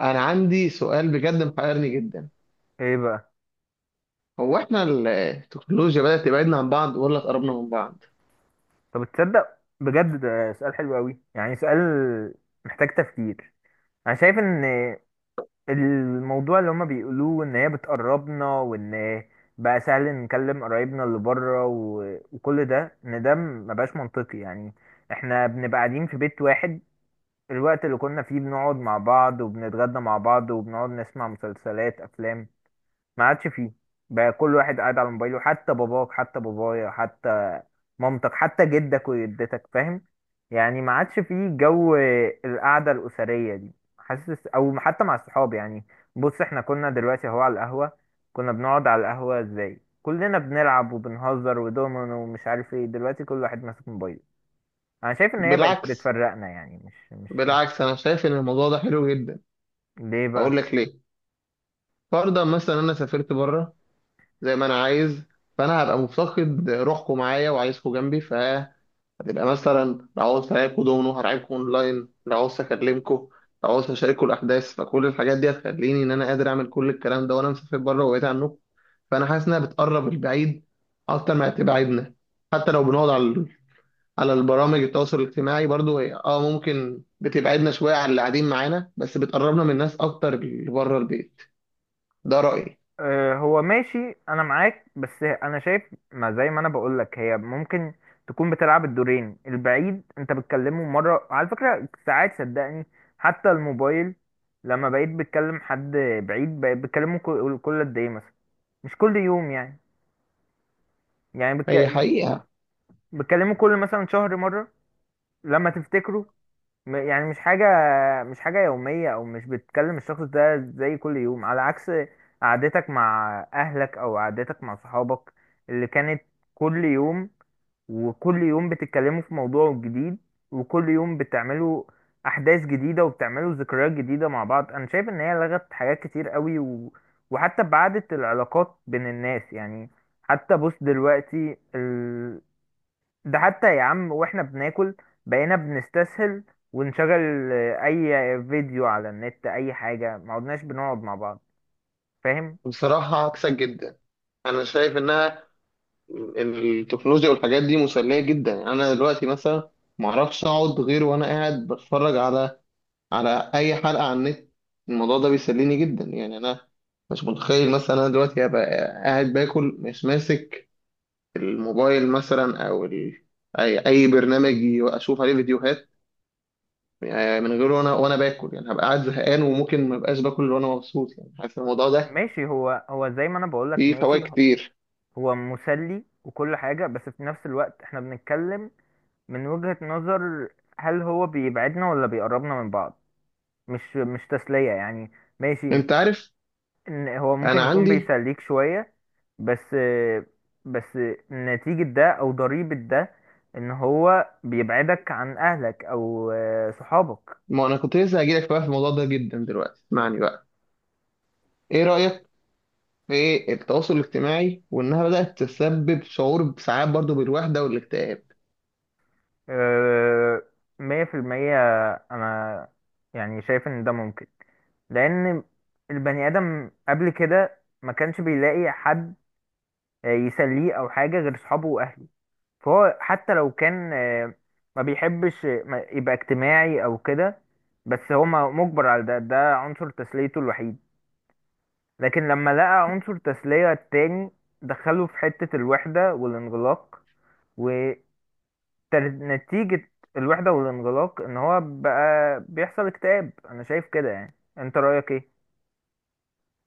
انا عندي سؤال بجد محيرني جدا. ايه بقى؟ هو احنا التكنولوجيا بدأت تبعدنا عن بعض ولا قربنا من بعض؟ طب تصدق؟ بجد ده سؤال حلو قوي، يعني سؤال محتاج تفكير. انا شايف ان الموضوع اللي هما بيقولوه ان هي بتقربنا، وان بقى سهل نكلم قرايبنا اللي بره، وكل ده، ان ده مبقاش منطقي يعني. احنا بنبقى قاعدين في بيت واحد، الوقت اللي كنا فيه بنقعد مع بعض وبنتغدى مع بعض وبنقعد نسمع مسلسلات افلام ما عادش فيه. بقى كل واحد قاعد على موبايله، حتى باباك حتى بابايا حتى مامتك حتى جدك وجدتك، فاهم؟ يعني ما عادش فيه جو القعدة الأسرية دي، حاسس؟ أو حتى مع الصحاب يعني. بص، احنا كنا دلوقتي اهو على القهوة، كنا بنقعد على القهوة ازاي كلنا بنلعب وبنهزر ودومينو ومش عارف ايه، دلوقتي كل واحد ماسك موبايله. انا شايف ان هي بقت بالعكس، بتفرقنا، يعني مش. بالعكس، انا شايف ان الموضوع ده حلو جدا. ليه بقى؟ اقول لك ليه. فرضا مثلا انا سافرت بره زي ما انا عايز، فانا هبقى مفتقد روحكم معايا وعايزكم جنبي، فهتبقى مثلا لو عاوز ألاعبكوا دومينو هرعبكم اونلاين، لو عاوز اكلمكم، لو عاوز اشاركوا الاحداث، فكل الحاجات دي هتخليني ان انا قادر اعمل كل الكلام ده وانا مسافر بره وبعيد عنكم. فانا حاسس انها بتقرب البعيد اكتر ما تبعدنا. حتى لو بنقعد على البرامج التواصل الاجتماعي، برضو هي ممكن بتبعدنا شويه عن اللي قاعدين معانا، بس بتقربنا من الناس اكتر اللي بره البيت. ده رايي. آه، هو ماشي، انا معاك، بس انا شايف، ما زي ما انا بقول لك هي ممكن تكون بتلعب الدورين، البعيد انت بتكلمه مره على فكره، ساعات صدقني، حتى الموبايل لما بقيت بتكلم حد بعيد، بقيت بتكلمه كل قد ايه مثلا؟ مش كل يوم يعني هي حقيقه. بتكلمه كل مثلا شهر مره لما تفتكره. يعني مش حاجة يومية، أو مش بتكلم الشخص ده زي كل يوم، على عكس قعدتك مع أهلك أو قعدتك مع صحابك اللي كانت كل يوم، وكل يوم بتتكلموا في موضوع جديد، وكل يوم بتعملوا أحداث جديدة وبتعملوا ذكريات جديدة مع بعض. أنا شايف إن هي لغت حاجات كتير قوي، و... وحتى بعدت العلاقات بين الناس يعني. حتى بص دلوقتي، ده حتى يا عم، واحنا بناكل بقينا بنستسهل ونشغل اي فيديو على النت، اي حاجة، ما عدناش بنقعد مع بعض، فاهم؟ بصراحه عكسك جدا. انا شايف انها التكنولوجيا والحاجات دي مسليه جدا. يعني انا دلوقتي مثلا ما اعرفش اقعد غير وانا قاعد بتفرج على اي حلقه على النت. الموضوع ده بيسليني جدا. يعني انا مش متخيل مثلا انا دلوقتي هبقى قاعد باكل مش ماسك الموبايل مثلا اي برنامج اشوف عليه فيديوهات. يعني من غيره، وانا باكل، يعني هبقى قاعد زهقان وممكن ما ابقاش باكل وانا مبسوط. يعني حاسس الموضوع ده ماشي، هو زي ما انا بقولك، فيه فوائد ماشي، كتير. هو مسلي وكل حاجة، بس في نفس الوقت احنا بنتكلم من وجهة نظر هل هو بيبعدنا ولا بيقربنا من بعض؟ مش تسلية يعني. ماشي، انت عارف، إن هو انا ممكن يكون عندي بيسليك شوية، بس بس نتيجة ده أو ضريبة ده إن هو بيبعدك عن أهلك أو صحابك. ما انا كنت لسه هجيلك بقى في الموضوع ده جدا دلوقتي. اسمعني بقى. ايه رايك في التواصل الاجتماعي، وانها بدات تسبب شعور ساعات برضو بالوحده والاكتئاب؟ آه، مية في المية، أنا يعني شايف إن ده ممكن، لأن البني آدم قبل كده ما كانش بيلاقي حد يسليه أو حاجة غير صحابه وأهله، فهو حتى لو كان ما بيحبش يبقى اجتماعي أو كده، بس هو مجبر على ده، ده عنصر تسليته الوحيد، لكن لما لقى عنصر تسلية التاني دخله في حتة الوحدة والانغلاق، ونتيجة الوحدة والانغلاق ان هو بقى بيحصل اكتئاب. انا شايف كده، يعني انت رأيك ايه؟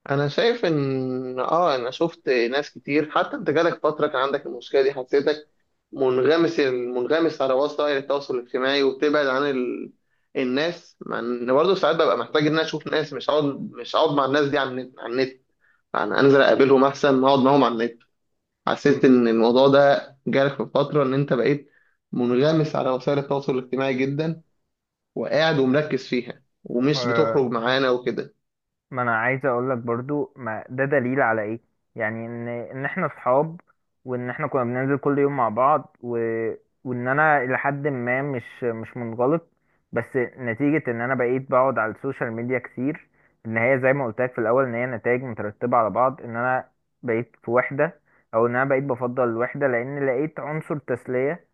انا شايف ان انا شفت ناس كتير. حتى انت جالك فتره كان عندك المشكله دي، حسيتك منغمس، منغمس على وسائل التواصل الاجتماعي وبتبعد عن الناس. مع ان برضه ساعات ببقى محتاج ان انا اشوف ناس، مش هقعد مع الناس دي على النت. يعني انزل اقابلهم احسن ما اقعد معاهم على النت. حسيت م- ان الموضوع ده جالك في فتره، ان انت بقيت منغمس على وسائل التواصل الاجتماعي جدا، وقاعد ومركز فيها ومش بتخرج معانا وكده. ما انا عايز اقول لك برضو، ما ده دليل على ايه؟ يعني ان احنا اصحاب، وان احنا كنا بننزل كل يوم مع بعض، و... وان انا لحد ما مش منغلق، بس نتيجة ان انا بقيت بقعد على السوشيال ميديا كتير، ان هي زي ما قلت لك في الاول، ان هي نتائج مترتبة على بعض، ان انا بقيت في وحدة، او ان انا بقيت بفضل الوحدة لان لقيت عنصر تسلية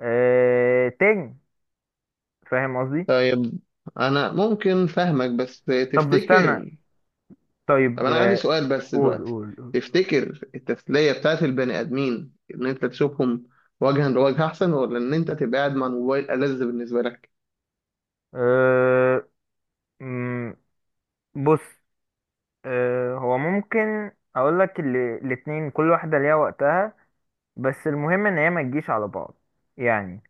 تاني، فاهم قصدي؟ طيب، انا ممكن فاهمك، بس طب استنى، تفتكر، طب طيب، انا عندي سؤال بس قول دلوقتي، قول قول. تفتكر التسلية بتاعت البني ادمين ان انت تشوفهم وجها لوجه احسن، ولا ان انت تبقى قاعد مع الموبايل ألذ بالنسبة لك؟ أه... بص، هو ممكن اقول لك الاتنين كل واحدة ليها وقتها، بس المهم ان هي ما تجيش على بعض، يعني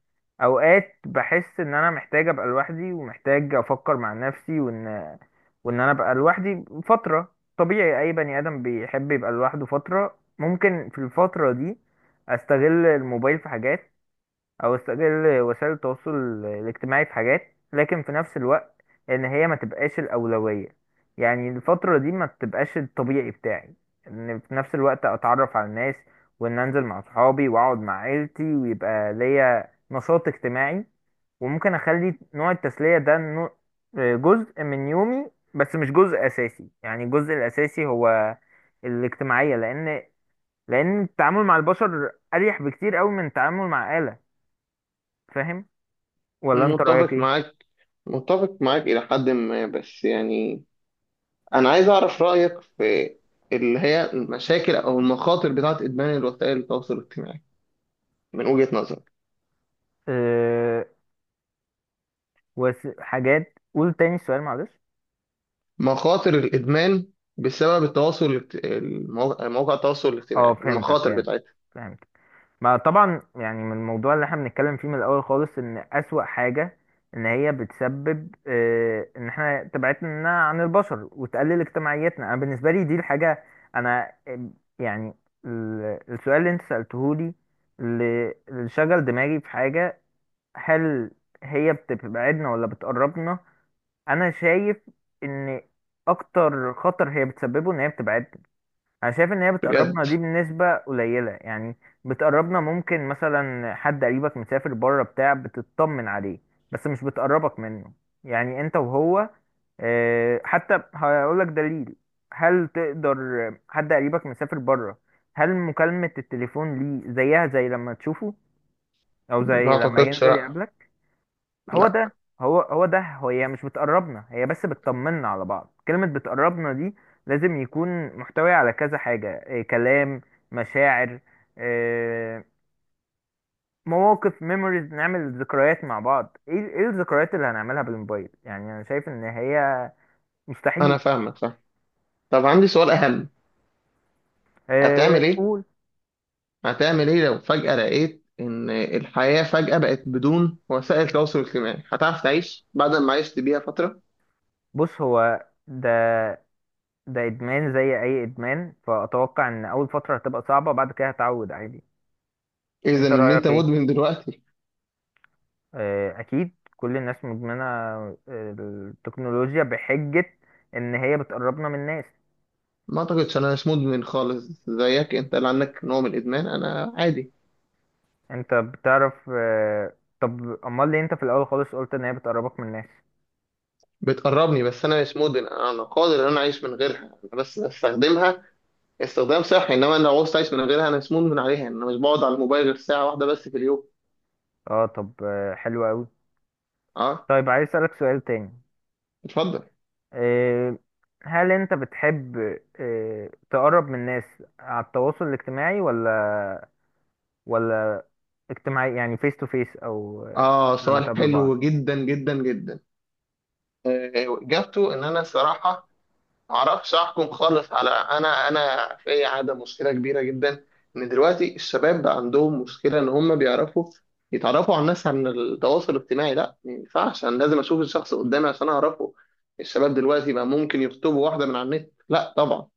اوقات بحس ان انا محتاج ابقى لوحدي ومحتاج افكر مع نفسي، وان انا ابقى لوحدي فترة، طبيعي اي بني ادم بيحب يبقى لوحده فترة، ممكن في الفترة دي استغل الموبايل في حاجات، او استغل وسائل التواصل الاجتماعي في حاجات، لكن في نفس الوقت ان هي ما تبقاش الاولويه، يعني الفتره دي ما تبقاش الطبيعي بتاعي، ان في نفس الوقت اتعرف على الناس، وان انزل مع صحابي واقعد مع عيلتي ويبقى ليا نشاط اجتماعي، وممكن اخلي نوع التسليه ده جزء من يومي، بس مش جزء اساسي، يعني الجزء الاساسي هو الاجتماعيه، لان التعامل مع البشر اريح بكتير قوي من التعامل مع آلة، فاهم ولا انت رأيك متفق ايه؟ معاك، متفق معاك إلى حد ما. بس يعني أنا عايز أعرف رأيك في اللي هي المشاكل أو المخاطر بتاعت إدمان الوسائل التواصل الاجتماعي من وجهة نظرك. أه، حاجات، قول تاني السؤال معلش. مخاطر الإدمان بسبب التواصل مواقع التواصل اه، الاجتماعي، فهمتك المخاطر فهمتك بتاعتها. فهمتك. ما طبعا يعني، من الموضوع اللي احنا بنتكلم فيه من الاول خالص، ان اسوأ حاجة ان هي بتسبب ان احنا تبعدنا عن البشر وتقلل اجتماعيتنا، انا بالنسبة لي دي الحاجة، انا يعني السؤال اللي انت سألته لي، اللي اللي شغل دماغي في حاجة، هل هي بتبعدنا ولا بتقربنا؟ انا شايف ان اكتر خطر هي بتسببه ان هي بتبعدنا، انا شايف ان هي بتقربنا بجد؟ دي بنسبة قليلة يعني، بتقربنا ممكن مثلا حد قريبك مسافر بره بتاع بتطمن عليه، بس مش بتقربك منه، يعني انت وهو. حتى هقولك دليل، هل تقدر؟ حد قريبك مسافر بره، هل مكالمة التليفون ليه زيها زي لما تشوفه او ما زي لما أعتقدش، ينزل لأ. يقابلك؟ هو لأ، ده، هو ده، هو هي مش بتقربنا، هي بس بتطمنا على بعض. كلمة بتقربنا دي لازم يكون محتوي على كذا حاجة، إيه؟ كلام، مشاعر، إيه؟ مواقف، ميموريز، نعمل ذكريات مع بعض. ايه ايه الذكريات اللي هنعملها بالموبايل؟ يعني انا شايف ان هي مستحيل. أنا فاهمك، فاهم. طب عندي سؤال أهم. إيه هتعمل إيه؟ قول. هتعمل إيه لو فجأة لقيت إن الحياة فجأة بقت بدون وسائل تواصل اجتماعي؟ هتعرف تعيش بعد ما عشت بيها فترة؟ بص، هو ده، ده ادمان زي اي ادمان، فاتوقع ان اول فترة هتبقى صعبة، بعد كده هتعود عادي. إذا انت إن أنت رأيك ايه؟ مدمن دلوقتي؟ آه، أكيد كل الناس مدمنة التكنولوجيا، بحجة إن هي بتقربنا من الناس. ما أعتقدش، أنا مش مدمن خالص زيك، أنت اللي عندك نوع من الإدمان، أنا عادي. أنت بتعرف. طب أمال ليه أنت في الأول خالص قلت إن هي بتقربك من الناس؟ بتقربني بس أنا مش مدمن، أنا قادر إن أنا أعيش من غيرها، أنا بس بستخدمها استخدام صحي. انما انا لو عوزت اعيش من غيرها، انا مسموم من عليها. انا مش بقعد على الموبايل غير ساعه واحده بس في اليوم. أه، طب حلو أوي. اه. طيب، عايز أسألك سؤال تاني. اتفضل. آه، هل أنت بتحب تقرب من الناس على التواصل الاجتماعي، ولا اجتماعي يعني فيس تو فيس، أو اه، لما سؤال تقابلوا بعض؟ حلو جدا جدا جدا. آه، اجابته ان انا صراحه ما اعرفش احكم خالص على انا. في عاده مشكله كبيره جدا، ان دلوقتي الشباب بقى عندهم مشكله ان هم بيعرفوا يتعرفوا على الناس عن التواصل الاجتماعي. لا، ما ينفعش، انا لازم اشوف الشخص قدامي عشان اعرفه. الشباب دلوقتي بقى ممكن يخطبوا واحده من على النت؟ لا طبعا.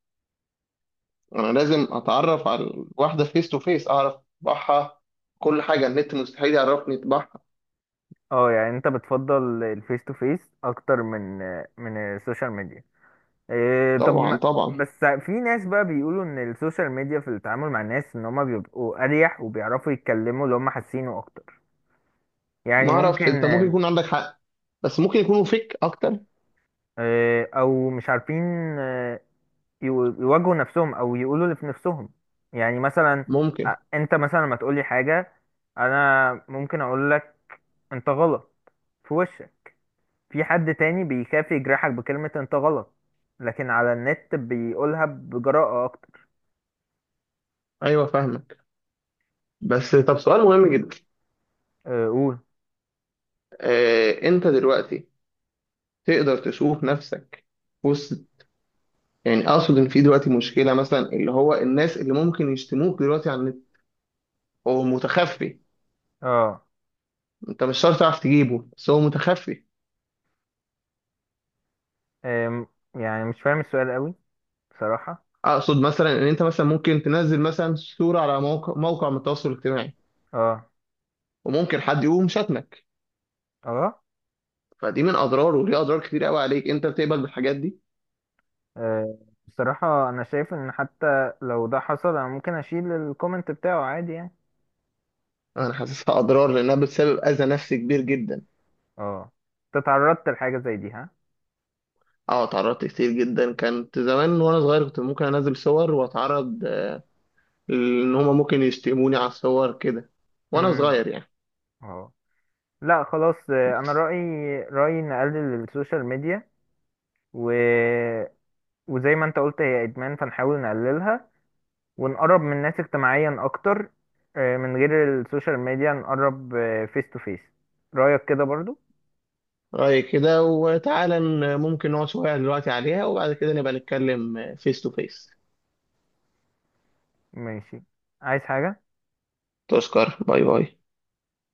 انا لازم اتعرف على الواحده فيس تو فيس، اعرف طباعها. كل حاجه، النت مستحيل يعرفني طباعها. اه، يعني انت بتفضل الفيس تو فيس اكتر من السوشيال ميديا. إيه؟ طب، ما طبعا، طبعا. بس في ناس بقى بيقولوا ان السوشيال ميديا في التعامل مع الناس ان هما بيبقوا اريح وبيعرفوا يتكلموا اللي هما حاسينه اكتر، يعني ما اعرفش، ممكن، انت ممكن يكون عندك حق، بس ممكن يكونوا فيك اكتر. إيه، او مش عارفين آه، يواجهوا نفسهم، او يقولوا اللي في نفسهم. يعني مثلا، ممكن. انت مثلا لما تقولي حاجة انا ممكن اقول لك انت غلط في وشك، في حد تاني بيخاف يجرحك بكلمة انت غلط، لكن على النت بيقولها بجراءة اكتر. ايوه، فاهمك، بس طب سؤال مهم جدا. آه، قول. انت دلوقتي تقدر تشوف نفسك وسط، يعني اقصد ان في دلوقتي مشكله مثلا، اللي هو الناس اللي ممكن يشتموك دلوقتي على النت، هو متخفي. اه، انت مش شرط تعرف تجيبه، بس هو متخفي. أم، يعني مش فاهم السؤال قوي بصراحة. اقصد مثلا ان انت مثلا ممكن تنزل مثلا صورة على موقع من التواصل الاجتماعي، اه، وممكن حد يقوم شتمك. اه، فدي من اضرار، وليها اضرار كتير قوي عليك. انت بتقبل بالحاجات دي؟ أه، بصراحة انا شايف ان حتى لو ده حصل انا ممكن اشيل الكومنت بتاعه عادي يعني. انا حاسسها اضرار لانها بتسبب اذى نفسي كبير جدا. اه، انت تعرضت لحاجة زي دي ها؟ اه، اتعرضت كتير جدا. كانت زمان وانا صغير، كنت ممكن انزل صور واتعرض، ان هما ممكن يشتموني على الصور كده وانا امم، صغير يعني. اه، لا خلاص. انا بس رأيي نقلل السوشيال ميديا، و... وزي ما انت قلت هي ادمان، فنحاول نقللها، ونقرب من الناس اجتماعيا اكتر، من غير السوشيال ميديا نقرب فيس تو فيس، رأيك كده برضو؟ رأيي كده، وتعالى ممكن نقعد شوية دلوقتي عليها، وبعد كده نبقى نتكلم فيس تو فيس. ماشي، عايز حاجة؟ تشكر، باي باي.